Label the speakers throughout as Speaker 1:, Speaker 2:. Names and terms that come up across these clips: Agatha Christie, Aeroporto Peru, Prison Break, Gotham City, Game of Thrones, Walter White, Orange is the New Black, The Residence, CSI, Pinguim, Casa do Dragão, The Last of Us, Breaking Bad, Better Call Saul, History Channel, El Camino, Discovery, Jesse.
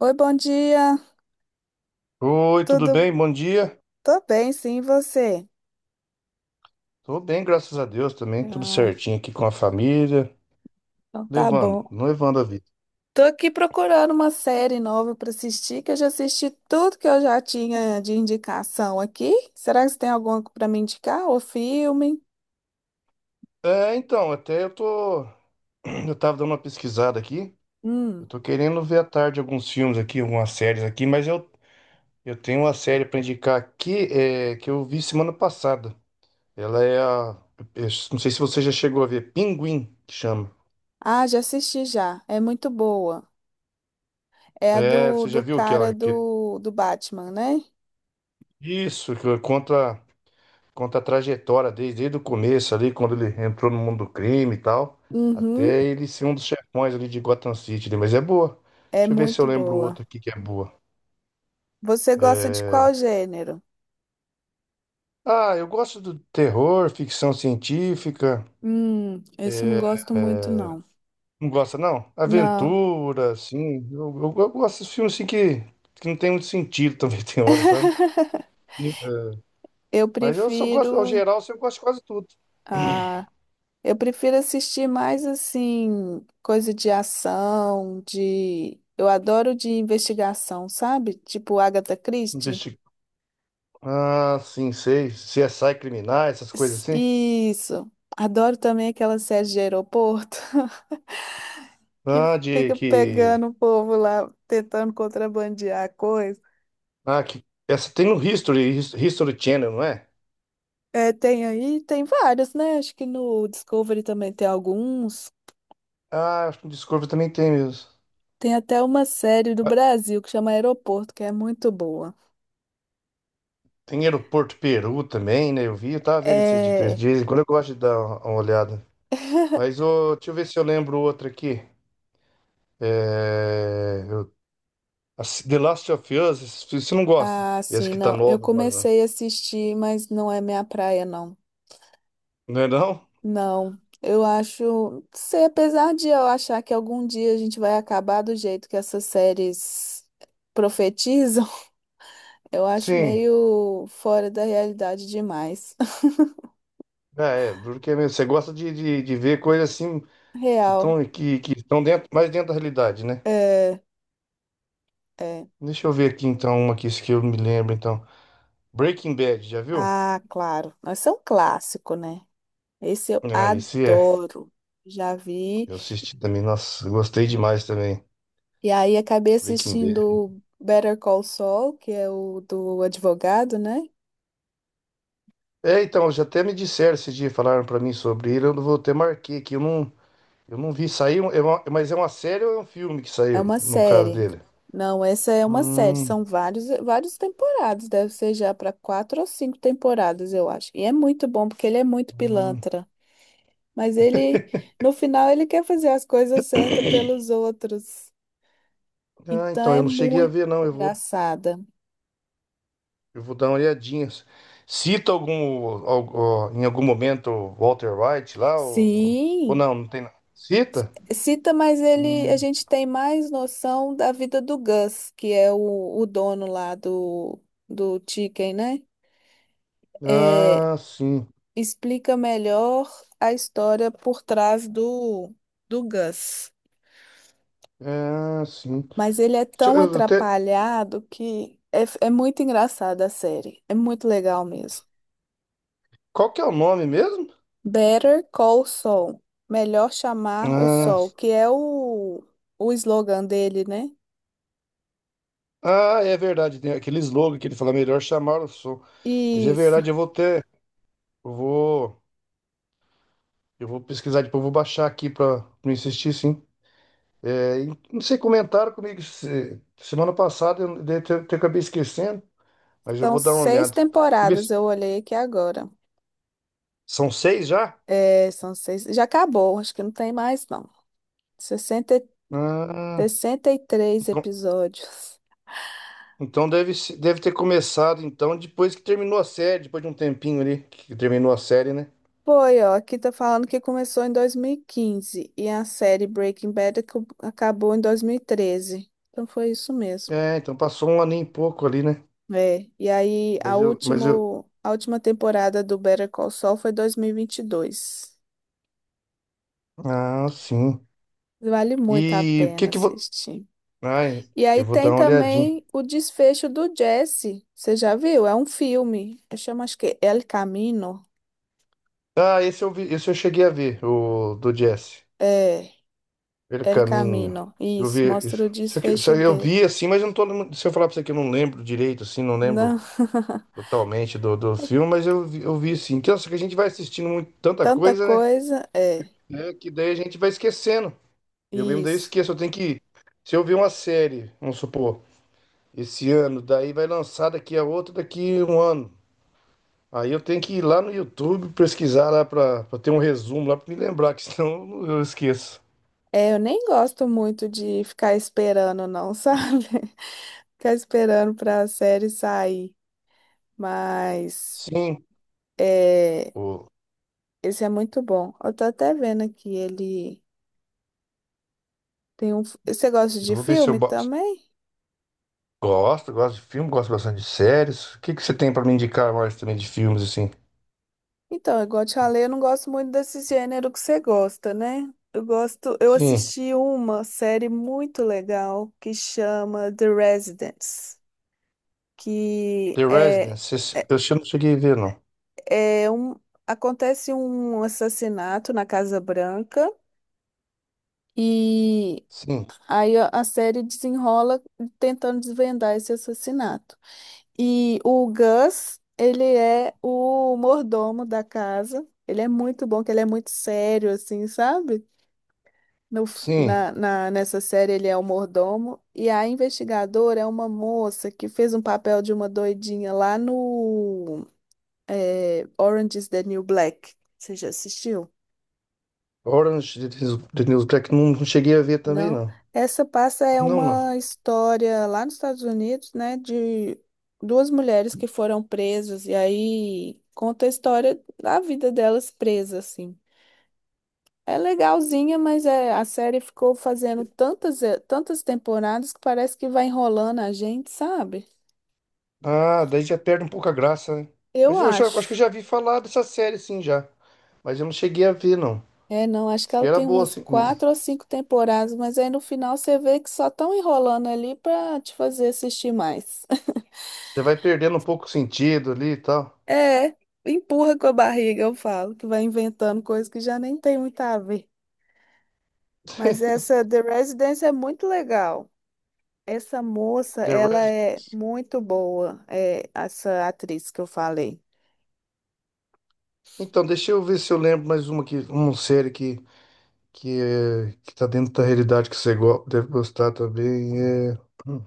Speaker 1: Oi, bom dia.
Speaker 2: Oi, tudo
Speaker 1: Tudo?
Speaker 2: bem? Bom dia.
Speaker 1: Tô bem, sim, e você?
Speaker 2: Tô bem, graças a Deus também. Tudo
Speaker 1: Ah,
Speaker 2: certinho aqui com a família.
Speaker 1: então tá
Speaker 2: Levando,
Speaker 1: bom.
Speaker 2: não levando a vida.
Speaker 1: Tô aqui procurando uma série nova pra assistir, que eu já assisti tudo que eu já tinha de indicação aqui. Será que você tem alguma pra me indicar? Ou filme?
Speaker 2: É, então, até eu tô. Eu tava dando uma pesquisada aqui. Eu
Speaker 1: Hum.
Speaker 2: tô querendo ver à tarde alguns filmes aqui, algumas séries aqui, eu tenho uma série pra indicar aqui é, que eu vi semana passada. Ela é a. Eu não sei se você já chegou a ver. Pinguim, que chama.
Speaker 1: Ah, já assisti já. É muito boa. É a
Speaker 2: É,
Speaker 1: do,
Speaker 2: você já
Speaker 1: do
Speaker 2: viu
Speaker 1: cara
Speaker 2: aquela? Que,
Speaker 1: do Batman, né?
Speaker 2: isso, que conta. Conta a trajetória desde o começo ali, quando ele entrou no mundo do crime e tal,
Speaker 1: Uhum.
Speaker 2: até ele ser um dos chefões ali de Gotham City, né? Mas é boa.
Speaker 1: É
Speaker 2: Deixa eu ver se eu
Speaker 1: muito
Speaker 2: lembro
Speaker 1: boa.
Speaker 2: outra aqui que é boa.
Speaker 1: Você gosta de qual gênero?
Speaker 2: Ah, eu gosto do terror, ficção científica.
Speaker 1: Esse eu não
Speaker 2: é,
Speaker 1: gosto muito, não.
Speaker 2: Não gosta, não?
Speaker 1: Não.
Speaker 2: Aventura, assim. Eu gosto desses filmes assim que não tem muito sentido também, tem hora, sabe? Sim. É,
Speaker 1: Eu
Speaker 2: mas eu só gosto, ao
Speaker 1: prefiro
Speaker 2: geral, assim, eu gosto de quase tudo.
Speaker 1: a eu prefiro assistir mais assim, coisa de ação, de eu adoro de investigação, sabe? Tipo Agatha Christie.
Speaker 2: Investi... Ah, sim, sei. CSI criminais, essas coisas assim.
Speaker 1: Isso. Adoro também aquela série de aeroporto que
Speaker 2: Ah, de
Speaker 1: fica
Speaker 2: que.
Speaker 1: pegando o povo lá tentando contrabandear coisa.
Speaker 2: Ah, que... Essa tem no History, History Channel, não é?
Speaker 1: É, tem aí, tem vários, né? Acho que no Discovery também tem alguns.
Speaker 2: Ah, acho que o Discovery também tem mesmo.
Speaker 1: Tem até uma série do
Speaker 2: Ah,
Speaker 1: Brasil que chama Aeroporto, que é muito boa.
Speaker 2: tem Aeroporto Peru também, né? Eu vi, eu tava vendo esses dias.
Speaker 1: É,
Speaker 2: De vez em quando eu gosto de dar uma olhada. Mas ô, deixa eu ver se eu lembro outra aqui. É... eu- a The Last of Us, você não gosta.
Speaker 1: ah,
Speaker 2: Essa
Speaker 1: sim,
Speaker 2: que tá
Speaker 1: não. Eu
Speaker 2: nova agora, não.
Speaker 1: comecei a assistir, mas não é minha praia, não.
Speaker 2: Não é, não?
Speaker 1: Não. Eu acho, sei, apesar de eu achar que algum dia a gente vai acabar do jeito que essas séries profetizam, eu acho
Speaker 2: Sim.
Speaker 1: meio fora da realidade demais.
Speaker 2: Ah, é, duro que é mesmo. Você gosta de ver coisas assim
Speaker 1: Real.
Speaker 2: que estão dentro, mais dentro da realidade, né?
Speaker 1: É, é.
Speaker 2: Deixa eu ver aqui então uma aqui, isso que eu me lembro então. Breaking Bad, já viu?
Speaker 1: Ah, claro. Mas é um clássico, né? Esse eu
Speaker 2: Ah, esse é.
Speaker 1: adoro. Já vi.
Speaker 2: Eu assisti também, nossa, eu gostei demais também.
Speaker 1: E aí acabei
Speaker 2: Breaking Bad.
Speaker 1: assistindo o Better Call Saul, que é o do advogado, né?
Speaker 2: É, então, já até me disseram esse dia, falaram pra mim sobre ele, eu não vou até marquei aqui, eu não vi, sair. É uma- mas é uma série ou é um filme que
Speaker 1: É
Speaker 2: saiu,
Speaker 1: uma
Speaker 2: no caso
Speaker 1: série.
Speaker 2: dele?
Speaker 1: Não, essa é uma série.
Speaker 2: Hum,
Speaker 1: São vários temporadas. Deve ser já para quatro ou cinco temporadas, eu acho. E é muito bom porque ele é muito
Speaker 2: hum.
Speaker 1: pilantra. Mas ele, no final, ele quer fazer as coisas certas pelos outros.
Speaker 2: Ah,
Speaker 1: Então
Speaker 2: então,
Speaker 1: é
Speaker 2: eu não cheguei a
Speaker 1: muito
Speaker 2: ver, não,
Speaker 1: engraçada.
Speaker 2: eu vou dar uma olhadinha. Cita algum, ó, em algum momento, o Walter White lá, ou
Speaker 1: Sim.
Speaker 2: não, não tem nada. Cita?
Speaker 1: Cita, mas ele, a
Speaker 2: Hum.
Speaker 1: gente tem mais noção da vida do Gus, que é o dono lá do Chicken, né? É,
Speaker 2: Ah, sim.
Speaker 1: explica melhor a história por trás do Gus.
Speaker 2: Ah, sim.
Speaker 1: Mas ele é
Speaker 2: Deixa
Speaker 1: tão
Speaker 2: eu até-
Speaker 1: atrapalhado que é muito engraçada a série. É muito legal mesmo.
Speaker 2: Qual que é o nome mesmo?
Speaker 1: Better Call Saul. Melhor chamar o
Speaker 2: Ah,
Speaker 1: Sol, que é o slogan dele, né?
Speaker 2: ah, é verdade. Tem aquele slogan que ele fala, melhor chamar o som. Mas é
Speaker 1: Isso.
Speaker 2: verdade, eu vou ter. Eu vou, eu vou pesquisar depois, eu vou baixar aqui pra não insistir, sim. É, e não sei, comentaram comigo semana passada, eu, até acabei esquecendo, mas eu
Speaker 1: São
Speaker 2: vou dar uma
Speaker 1: seis
Speaker 2: olhada. Deixa ver
Speaker 1: temporadas, eu olhei aqui agora.
Speaker 2: são seis já?
Speaker 1: É, são seis. Já acabou, acho que não tem mais, não. 60 e-
Speaker 2: Ah,
Speaker 1: 63
Speaker 2: então
Speaker 1: episódios.
Speaker 2: então deve, deve ter começado, então, depois que terminou a série, depois de um tempinho ali, que terminou a série, né?
Speaker 1: Foi, ó, aqui tá falando que começou em 2015 e a série Breaking Bad acabou em 2013. Então foi isso mesmo.
Speaker 2: É, então passou um ano e pouco ali, né?
Speaker 1: É, e aí a
Speaker 2: Mas eu, mas eu,
Speaker 1: último, a última temporada do Better Call Saul foi 2022.
Speaker 2: ah, sim.
Speaker 1: Vale muito a
Speaker 2: E o que
Speaker 1: pena
Speaker 2: que vou?
Speaker 1: assistir.
Speaker 2: Ai,
Speaker 1: E aí
Speaker 2: eu vou dar
Speaker 1: tem
Speaker 2: uma olhadinha.
Speaker 1: também o desfecho do Jesse. Você já viu? É um filme. Eu chamo, acho que El Camino.
Speaker 2: Ah, esse eu vi, esse eu cheguei a ver, o do Jesse.
Speaker 1: É,
Speaker 2: Pelo
Speaker 1: El
Speaker 2: caminho.
Speaker 1: Camino.
Speaker 2: Eu
Speaker 1: Isso,
Speaker 2: vi
Speaker 1: mostra
Speaker 2: isso.
Speaker 1: o
Speaker 2: Isso aqui, isso
Speaker 1: desfecho
Speaker 2: aí eu
Speaker 1: dele.
Speaker 2: vi assim, mas eu não tô. Se eu falar pra você que eu não lembro direito, assim, não
Speaker 1: Não,
Speaker 2: lembro totalmente do
Speaker 1: é
Speaker 2: filme, mas eu vi sim. Então, só que a gente vai assistindo muito, tanta
Speaker 1: tanta
Speaker 2: coisa, né?
Speaker 1: coisa. É,
Speaker 2: É, que daí a gente vai esquecendo. Eu mesmo daí eu
Speaker 1: isso.
Speaker 2: esqueço. Eu tenho que. Se eu ver uma série, vamos supor. Esse ano. Daí vai lançar daqui a outro daqui a um ano. Aí eu tenho que ir lá no YouTube pesquisar lá pra ter um resumo lá pra me lembrar, que senão eu esqueço.
Speaker 1: É, eu nem gosto muito de ficar esperando, não, sabe? Ficar esperando para a série sair. Mas
Speaker 2: Sim,
Speaker 1: é,
Speaker 2: o-
Speaker 1: esse é muito bom. Eu tô até vendo aqui, ele tem um. Você gosta
Speaker 2: eu
Speaker 1: de
Speaker 2: vou ver se eu
Speaker 1: filme
Speaker 2: bo-
Speaker 1: também?
Speaker 2: gosto, gosto de filme, gosto bastante de séries. O que que você tem pra me indicar mais também de filmes assim?
Speaker 1: Então, igual eu te falei, eu não gosto muito desse gênero que você gosta, né? Eu gosto, eu
Speaker 2: Sim,
Speaker 1: assisti uma série muito legal que chama The Residence, que
Speaker 2: The
Speaker 1: é,
Speaker 2: Residence, não cheguei a ver não.
Speaker 1: é, é um, acontece um assassinato na Casa Branca e
Speaker 2: Sim,
Speaker 1: aí a série desenrola tentando desvendar esse assassinato. E o Gus, ele é o mordomo da casa. Ele é muito bom, que ele é muito sério, assim, sabe? No, f-
Speaker 2: sim,
Speaker 1: na, na- nessa série ele é o mordomo. E a investigadora é uma moça que fez um papel de uma doidinha lá no Orange is the New Black. Você já assistiu?
Speaker 2: Orange is the New Black, não, não cheguei a ver também
Speaker 1: Não.
Speaker 2: não.
Speaker 1: Essa passa é
Speaker 2: Não, não.
Speaker 1: uma história lá nos Estados Unidos, né, de duas mulheres que foram presas e aí conta a história da vida delas presas assim. É legalzinha, mas é, a série ficou fazendo tantas temporadas que parece que vai enrolando a gente, sabe?
Speaker 2: Ah, daí já perde um pouco a graça, né?
Speaker 1: Eu
Speaker 2: Mas eu já, acho que eu
Speaker 1: acho.
Speaker 2: já vi falar dessa série, sim, já. Mas eu não cheguei a ver, não.
Speaker 1: É, não, acho que
Speaker 2: Diz que
Speaker 1: ela
Speaker 2: era
Speaker 1: tem
Speaker 2: boa,
Speaker 1: umas
Speaker 2: assim. Né?
Speaker 1: quatro ou cinco temporadas, mas aí no final você vê que só estão enrolando ali para te fazer assistir mais.
Speaker 2: Já vai perdendo um pouco o sentido ali e tal.
Speaker 1: É, empurra com a barriga, eu falo, que vai inventando coisas que já nem tem muito a ver. Mas essa The Residence é muito legal. Essa moça,
Speaker 2: The
Speaker 1: ela
Speaker 2: Res...
Speaker 1: é muito boa, é, essa atriz que eu falei.
Speaker 2: Então, deixa eu ver se eu lembro mais uma que uma série que, é, que tá dentro da realidade que deve gostar também. É... Hum.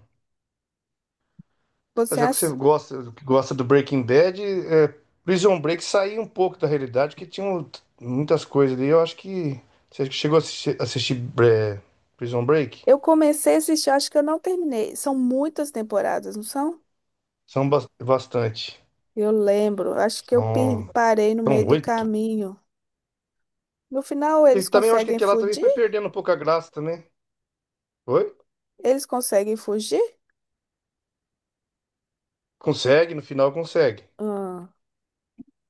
Speaker 1: Você,
Speaker 2: Já que você
Speaker 1: assi-
Speaker 2: gosta, que gosta do Breaking Bad, é, Prison Break saiu um pouco da realidade, que tinha um- muitas coisas ali. Eu acho que você chegou a assistir, é, Prison Break?
Speaker 1: eu comecei a assistir, acho que eu não terminei. São muitas temporadas, não são?
Speaker 2: Bastante.
Speaker 1: Eu lembro, acho que eu
Speaker 2: São,
Speaker 1: parei no
Speaker 2: são
Speaker 1: meio do
Speaker 2: oito.
Speaker 1: caminho. No final,
Speaker 2: E
Speaker 1: eles
Speaker 2: também eu acho que
Speaker 1: conseguem
Speaker 2: aquela também
Speaker 1: fugir?
Speaker 2: foi perdendo um pouco a graça também. Foi?
Speaker 1: Eles conseguem fugir?
Speaker 2: Consegue, no final consegue.
Speaker 1: Ah,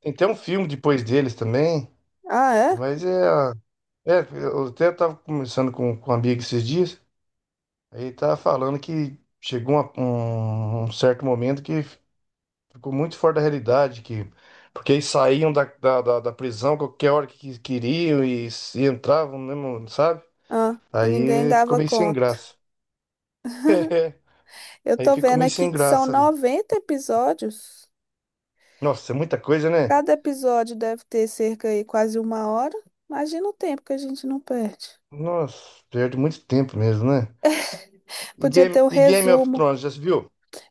Speaker 2: Tem até um filme depois deles também.
Speaker 1: ah é?
Speaker 2: Mas é. É, eu até tava conversando com um amigo esses dias. Aí tava falando que chegou um certo momento que ficou muito fora da realidade, que. Porque eles saíam da prisão qualquer hora que queriam e entravam mesmo, sabe?
Speaker 1: Ah, ninguém
Speaker 2: Aí ficou
Speaker 1: dava
Speaker 2: meio sem
Speaker 1: conta.
Speaker 2: graça.
Speaker 1: Eu
Speaker 2: Aí
Speaker 1: tô
Speaker 2: ficou
Speaker 1: vendo
Speaker 2: meio
Speaker 1: aqui
Speaker 2: sem
Speaker 1: que são
Speaker 2: graça ali.
Speaker 1: 90 episódios.
Speaker 2: Nossa, é muita coisa, né?
Speaker 1: Cada episódio deve ter cerca aí quase uma hora. Imagina o tempo que a gente não perde.
Speaker 2: Nossa, perde muito tempo mesmo, né?
Speaker 1: Podia ter um
Speaker 2: E Game of
Speaker 1: resumo.
Speaker 2: Thrones, já se viu?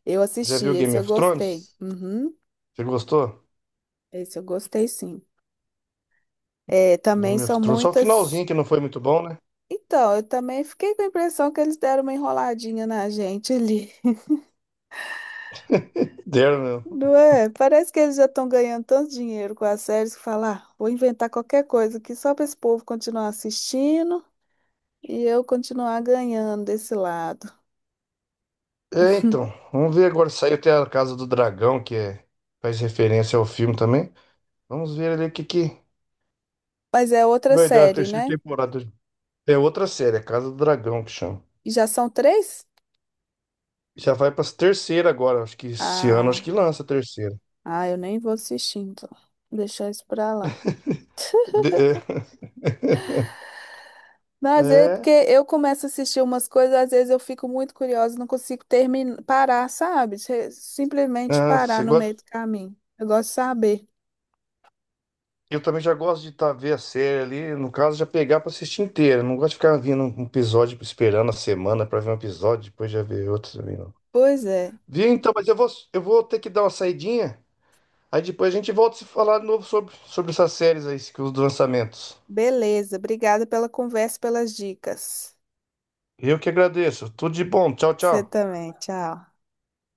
Speaker 1: Eu
Speaker 2: Já
Speaker 1: assisti,
Speaker 2: viu
Speaker 1: esse
Speaker 2: Game
Speaker 1: eu
Speaker 2: of
Speaker 1: gostei.
Speaker 2: Thrones?
Speaker 1: Uhum,
Speaker 2: Você gostou?
Speaker 1: esse eu gostei sim. É, também
Speaker 2: Game of
Speaker 1: são
Speaker 2: Thrones, só o
Speaker 1: muitas.
Speaker 2: finalzinho que não foi muito bom, né?
Speaker 1: Então, eu também fiquei com a impressão que eles deram uma enroladinha na gente ali.
Speaker 2: Deram, meu.
Speaker 1: Não é? Parece que eles já estão ganhando tanto dinheiro com as séries que falar, "Ah, vou inventar qualquer coisa aqui só para esse povo continuar assistindo. E eu continuar ganhando desse lado.
Speaker 2: É, então, vamos ver agora. Saiu até a Casa do Dragão, que é, faz referência ao filme também. Vamos ver ali o que, que
Speaker 1: Mas é outra
Speaker 2: vai dar a
Speaker 1: série,
Speaker 2: terceira
Speaker 1: né?
Speaker 2: temporada. É outra série, a Casa do Dragão que chama.
Speaker 1: E já são três?
Speaker 2: Já vai pra terceira agora, acho que esse ano acho
Speaker 1: Ah,
Speaker 2: que lança a terceira.
Speaker 1: ah, eu nem vou assistir, então. Deixar isso pra lá.
Speaker 2: De- é.
Speaker 1: Mas é porque
Speaker 2: É,
Speaker 1: eu começo a assistir umas coisas, às vezes eu fico muito curiosa, não consigo terminar, parar, sabe? Simplesmente
Speaker 2: ah,
Speaker 1: parar
Speaker 2: você
Speaker 1: no meio
Speaker 2: gosta...
Speaker 1: do caminho. Eu gosto de saber.
Speaker 2: Eu também já gosto de tá, ver a série ali, no caso, já pegar pra assistir inteira. Não gosto de ficar vindo um episódio, esperando a semana pra ver um episódio, depois já ver outro também, não.
Speaker 1: Pois é.
Speaker 2: Viu, então, mas eu vou ter que dar uma saidinha, aí depois a gente volta a se falar de novo sobre essas séries aí, que os lançamentos.
Speaker 1: Beleza. Obrigada pela conversa, pelas dicas.
Speaker 2: Eu que agradeço. Tudo de bom. Tchau,
Speaker 1: Você
Speaker 2: tchau.
Speaker 1: também. Tchau.